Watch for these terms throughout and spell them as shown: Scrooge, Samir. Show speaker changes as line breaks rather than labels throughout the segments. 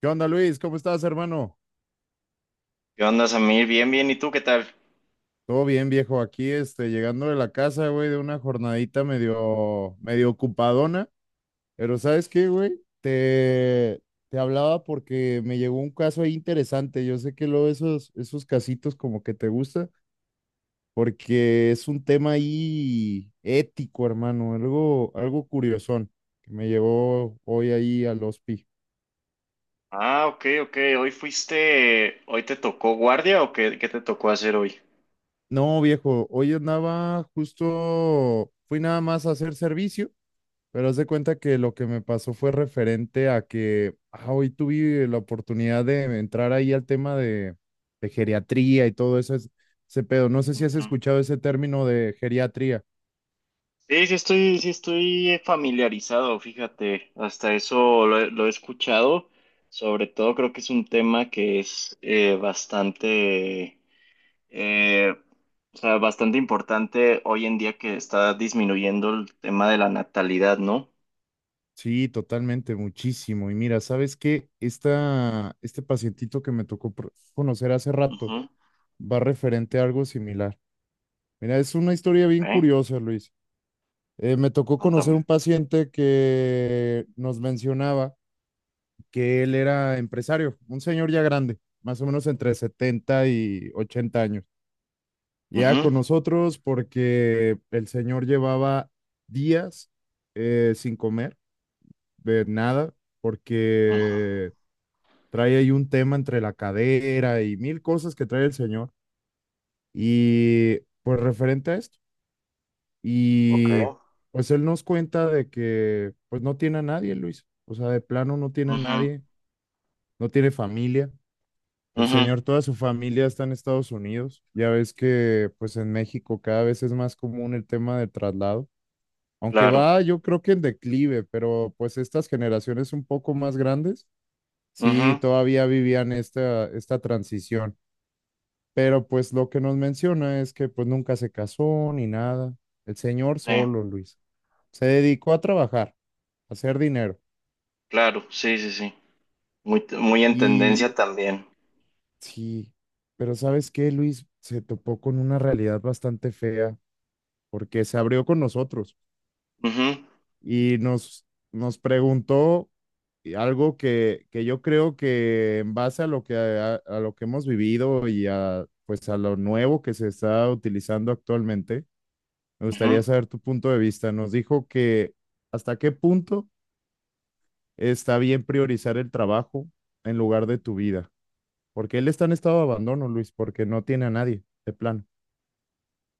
¿Qué onda, Luis? ¿Cómo estás, hermano?
¿Qué onda, Samir? Bien, bien. ¿Y tú qué tal?
Todo bien, viejo. Aquí, este, llegando de la casa, güey, de una jornadita medio, medio ocupadona. Pero ¿sabes qué, güey? Te hablaba porque me llegó un caso ahí interesante. Yo sé que luego esos casitos como que te gusta, porque es un tema ahí ético, hermano. Algo curiosón que me llegó hoy ahí al hospi.
Ah, ok, ok. ¿Hoy fuiste, hoy te tocó guardia o qué qué te tocó hacer hoy?
No, viejo, hoy andaba justo, fui nada más a hacer servicio. Pero haz de cuenta que lo que me pasó fue referente a que ah, hoy tuve la oportunidad de entrar ahí al tema de geriatría y todo eso, ese pedo. No sé si has
Ujú.
escuchado ese término de geriatría.
Sí, estoy familiarizado, fíjate. Hasta eso lo he escuchado. Sobre todo creo que es un tema que es bastante, eh, o sea, bastante importante hoy en día que está disminuyendo el tema de la natalidad, ¿no?
Sí, totalmente, muchísimo. Y mira, ¿sabes qué? Este pacientito que me tocó conocer hace rato
Ujú.
va referente a algo similar. Mira, es una historia bien
Ok.
curiosa, Luis. Me tocó conocer un
Cuéntame.
paciente que nos mencionaba, que él era empresario, un señor ya grande, más o menos entre 70 y 80 años. Ya
Ujú.
con nosotros porque el señor llevaba días sin comer, de nada,
Ujú.
porque trae ahí un tema entre la cadera y mil cosas que trae el señor. Y pues referente a esto.
Ok.
Y pues él nos cuenta de que pues no tiene a nadie, Luis. O sea, de plano no tiene a
Ujú.
nadie, no tiene familia. El
Ujú,
señor, toda su familia está en Estados Unidos. Ya ves que pues en México cada vez es más común el tema del traslado, aunque
claro.
va yo creo que en declive, pero pues estas generaciones un poco más grandes
Ujú,
sí todavía vivían esta transición. Pero pues lo que nos menciona es que pues nunca se casó ni nada. El señor
sí,
solo, Luis. Se dedicó a trabajar, a hacer dinero.
claro. Sí, sí, sí. Muy, muy en
Y
tendencia también.
sí, pero ¿sabes qué, Luis? Se topó con una realidad bastante fea porque se abrió con nosotros
Ujú,
y nos preguntó algo que yo creo que en base a lo que, a lo que hemos vivido y a, pues a lo nuevo que se está utilizando actualmente, me gustaría
ujú.
saber tu punto de vista. Nos dijo que hasta qué punto está bien priorizar el trabajo en lugar de tu vida, porque él está en estado de abandono, Luis, porque no tiene a nadie, de plano.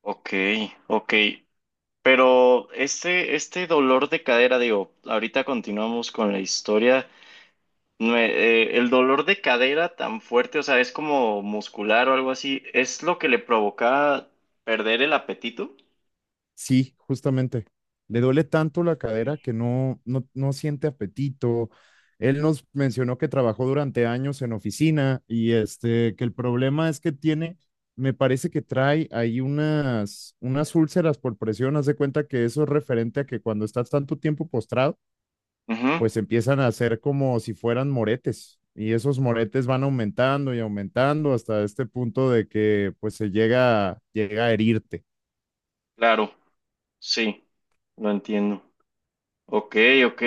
Ok, ok. Pero este dolor de cadera, digo, ahorita continuamos con la historia. El dolor de cadera tan fuerte, o sea, es como muscular o algo así, ¿es lo que le provocaba perder el apetito?
Sí, justamente. Le duele tanto la cadera
Sí.
que no, no, no siente apetito. Él nos mencionó que trabajó durante años en oficina y este, que el problema es que tiene, me parece que trae ahí unas úlceras por presión. Haz de cuenta que eso es referente a que cuando estás tanto tiempo postrado,
Ujú,
pues empiezan a hacer como si fueran moretes y esos moretes van aumentando y aumentando hasta este punto de que pues llega a herirte.
claro, sí, lo entiendo. Ok, ok.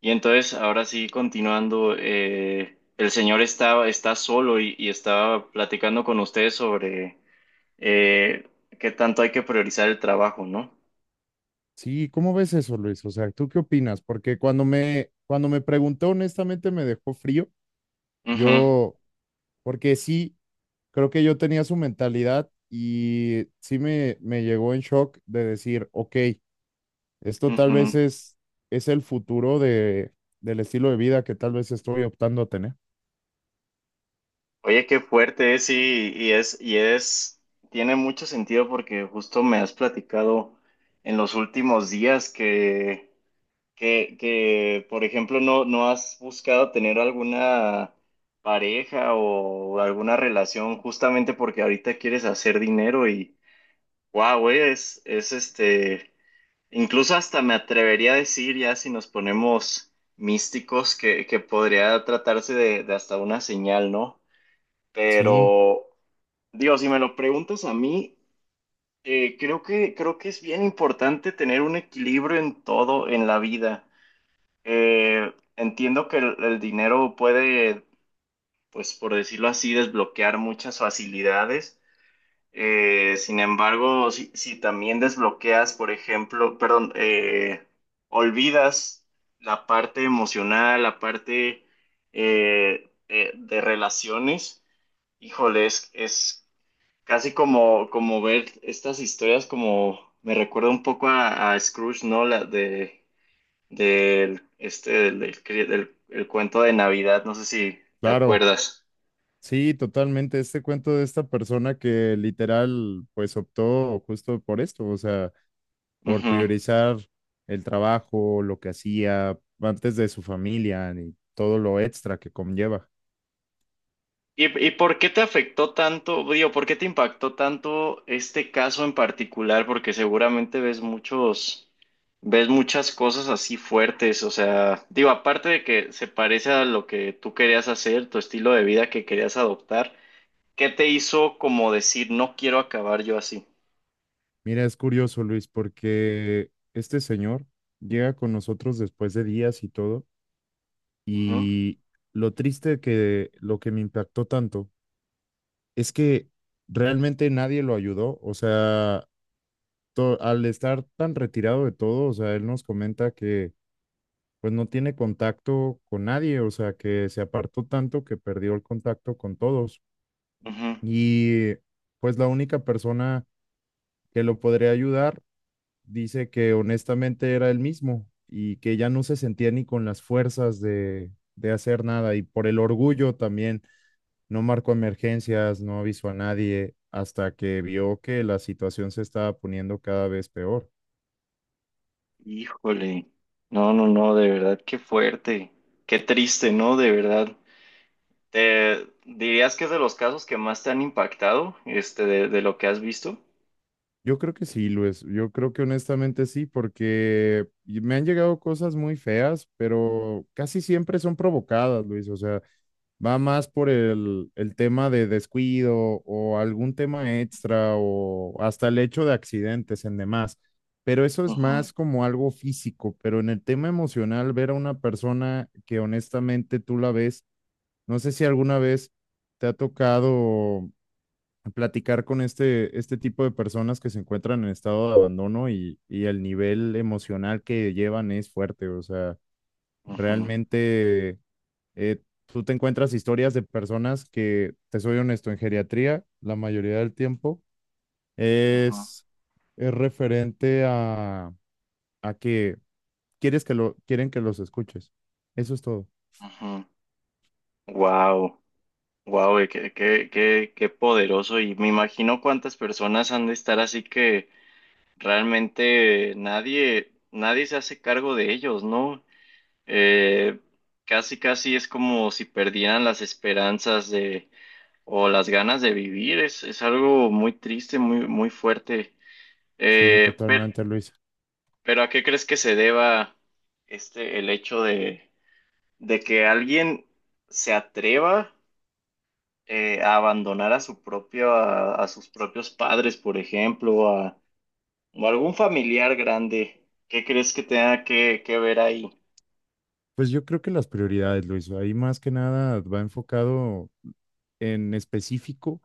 Y entonces, ahora sí, continuando, el señor está solo y estaba platicando con ustedes sobre eh, qué tanto hay que priorizar el trabajo, ¿no?
Sí, ¿cómo ves eso, Luis? O sea, ¿tú qué opinas? Porque cuando me preguntó, honestamente me dejó frío.
Ujú,
Yo, porque sí, creo que yo tenía su mentalidad y sí me llegó en shock de decir, ok, esto tal vez
ujú.
es, es el futuro del estilo de vida que tal vez estoy optando a tener.
Oye, qué fuerte es, y es, tiene mucho sentido porque justo me has platicado en los últimos días que, por ejemplo, no has buscado tener alguna pareja o alguna relación justamente porque ahorita quieres hacer dinero y, wow, es, incluso hasta me atrevería a decir ya si nos ponemos místicos que podría tratarse de hasta una señal, ¿no?
Sí,
Pero, digo, si me lo preguntas a mí, creo creo que es bien importante tener un equilibrio en todo en la vida. Eh, entiendo que el dinero puede, pues por decirlo así, desbloquear muchas facilidades. Sin embargo, si también desbloqueas, por ejemplo, perdón, olvidas la parte emocional, la parte de relaciones, híjole, es casi como, como ver estas historias como me recuerda un poco a Scrooge, ¿no? La de del, del, el cuento de Navidad, no sé si te
claro.
acuerdas.
Sí, totalmente. Este cuento de esta persona que literal, pues optó justo por esto. O sea, por
Ujú.
priorizar el trabajo, lo que hacía antes de su familia y todo lo extra que conlleva.
Y por qué te afectó tanto, digo, por qué te impactó tanto este caso en particular? Porque seguramente ves muchos, ves muchas cosas así fuertes, o sea, digo, aparte de que se parece a lo que tú querías hacer, tu estilo de vida que querías adoptar, ¿qué te hizo como decir, no quiero acabar yo así?
Mira, es curioso, Luis, porque este señor llega con nosotros después de días y todo,
Ujú,
y lo triste que lo que me impactó tanto es que realmente nadie lo ayudó. O sea, al estar tan retirado de todo, o sea, él nos comenta que pues no tiene contacto con nadie, o sea, que se apartó tanto que perdió el contacto con todos.
ujú.
Y pues la única persona que lo podría ayudar dice que honestamente era él mismo y que ya no se sentía ni con las fuerzas de hacer nada y por el orgullo también no marcó emergencias, no avisó a nadie hasta que vio que la situación se estaba poniendo cada vez peor.
Híjole, no, no, no, de verdad, qué fuerte, qué triste, ¿no? De verdad. ¿Te dirías que es de los casos que más te han impactado, este, de lo que has visto?
Yo creo que sí, Luis, yo creo que honestamente sí, porque y me han llegado cosas muy feas, pero casi siempre son provocadas, Luis. O sea, va más por el tema de descuido o algún tema extra o hasta el hecho de accidentes en demás. Pero eso es
Ujú,
más como algo físico, pero en el tema emocional, ver a una persona que honestamente tú la ves, no sé si alguna vez te ha tocado platicar con este tipo de personas que se encuentran en estado de abandono, y el nivel emocional que llevan es fuerte. O sea,
ujú,
realmente eh, tú te encuentras historias de personas que, te soy honesto, en geriatría, la mayoría del tiempo,
ujú,
es, es referente a que quieren que los escuches. Eso es todo.
ujú. Wow, wow, y qué, qué, qué, qué poderoso. Y me imagino cuántas personas han de estar así que realmente nadie, nadie se hace cargo de ellos, ¿no? Eh, casi, casi es como si perdieran las esperanzas de o las ganas de vivir. Es algo muy triste, muy, muy fuerte.
Sí,
Eh, pero,
totalmente, Luisa.
pero ¿a qué crees que se deba el hecho de que alguien se atreva a abandonar a su propio, a sus propios padres, por ejemplo, a, o algún familiar grande? ¿Qué crees que tenga que ver ahí?
Pues yo creo que las prioridades, Luisa, ahí más que nada va enfocado en específico.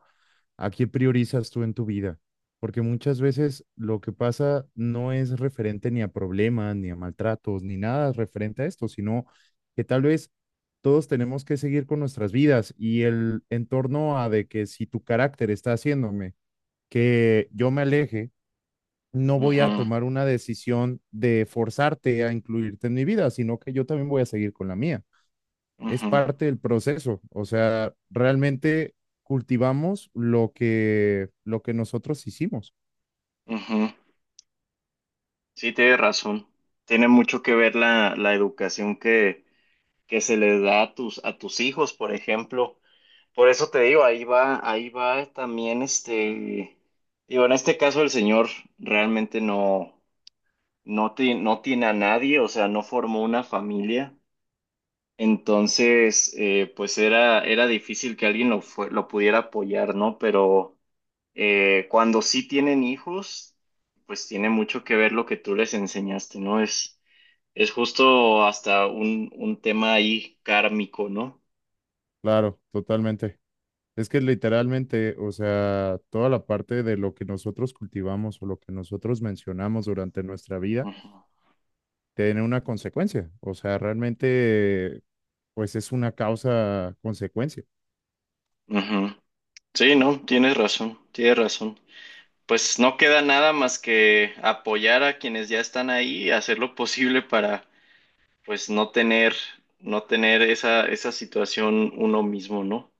¿A qué priorizas tú en tu vida? Porque muchas veces lo que pasa no es referente ni a problemas, ni a maltratos, ni nada referente a esto, sino que tal vez todos tenemos que seguir con nuestras vidas y el entorno a de que si tu carácter está haciéndome que yo me aleje, no voy a
Ujú,
tomar una decisión de forzarte a incluirte en mi vida, sino que yo también voy a seguir con la mía, es
ujú,
parte del proceso. O sea, realmente cultivamos lo que nosotros hicimos.
ujú. Sí, tienes razón. Tiene mucho que ver la educación que se les da a tus hijos, por ejemplo. Por eso te digo, ahí va también este, digo, en este caso el señor realmente no tiene a nadie, o sea, no formó una familia. Entonces, pues era, era difícil que alguien lo pudiera apoyar, ¿no? Pero cuando sí tienen hijos, pues tiene mucho que ver lo que tú les enseñaste, ¿no? Es justo hasta un tema ahí kármico, ¿no?
Claro, totalmente. Es que literalmente, o sea, toda la parte de lo que nosotros cultivamos o lo que nosotros mencionamos durante nuestra vida
Ujú,
tiene una consecuencia. O sea, realmente, pues es una causa-consecuencia.
ujú. Sí, no, tienes razón, tienes razón. Pues no queda nada más que apoyar a quienes ya están ahí, hacer lo posible para, pues, no tener, no tener esa, esa situación uno mismo, ¿no?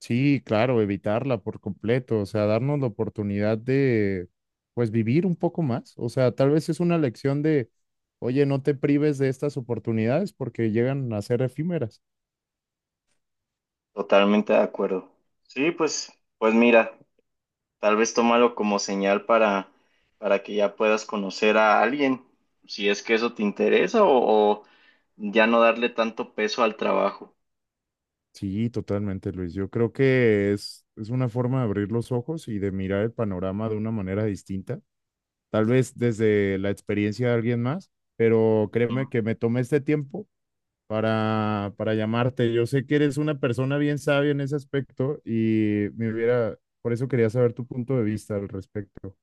Sí, claro, evitarla por completo. O sea, darnos la oportunidad de, pues, vivir un poco más. O sea, tal vez es una lección de, oye, no te prives de estas oportunidades porque llegan a ser efímeras.
Totalmente de acuerdo. Sí, pues, pues mira, tal vez tómalo como señal para que ya puedas conocer a alguien, si es que eso te interesa, o ya no darle tanto peso al trabajo.
Sí, totalmente, Luis. Yo creo que es una forma de abrir los ojos y de mirar el panorama de una manera distinta, tal vez desde la experiencia de alguien más, pero créeme que me tomé este tiempo para llamarte. Yo sé que eres una persona bien sabia en ese aspecto y me hubiera, por eso quería saber tu punto de vista al respecto.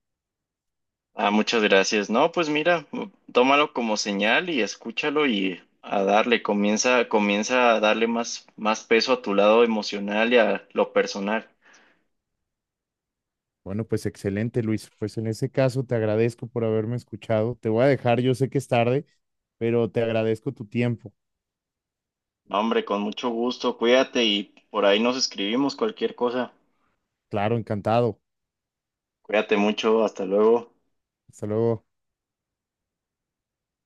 Ah, muchas gracias. No, pues mira, tómalo como señal y escúchalo y a darle, comienza, comienza a darle más, más peso a tu lado emocional y a lo personal.
Bueno, pues excelente, Luis. Pues en ese caso te agradezco por haberme escuchado. Te voy a dejar, yo sé que es tarde, pero te agradezco tu tiempo.
No, hombre, con mucho gusto, cuídate y por ahí nos escribimos cualquier cosa.
Claro, encantado.
Cuídate mucho, hasta luego.
Hasta luego.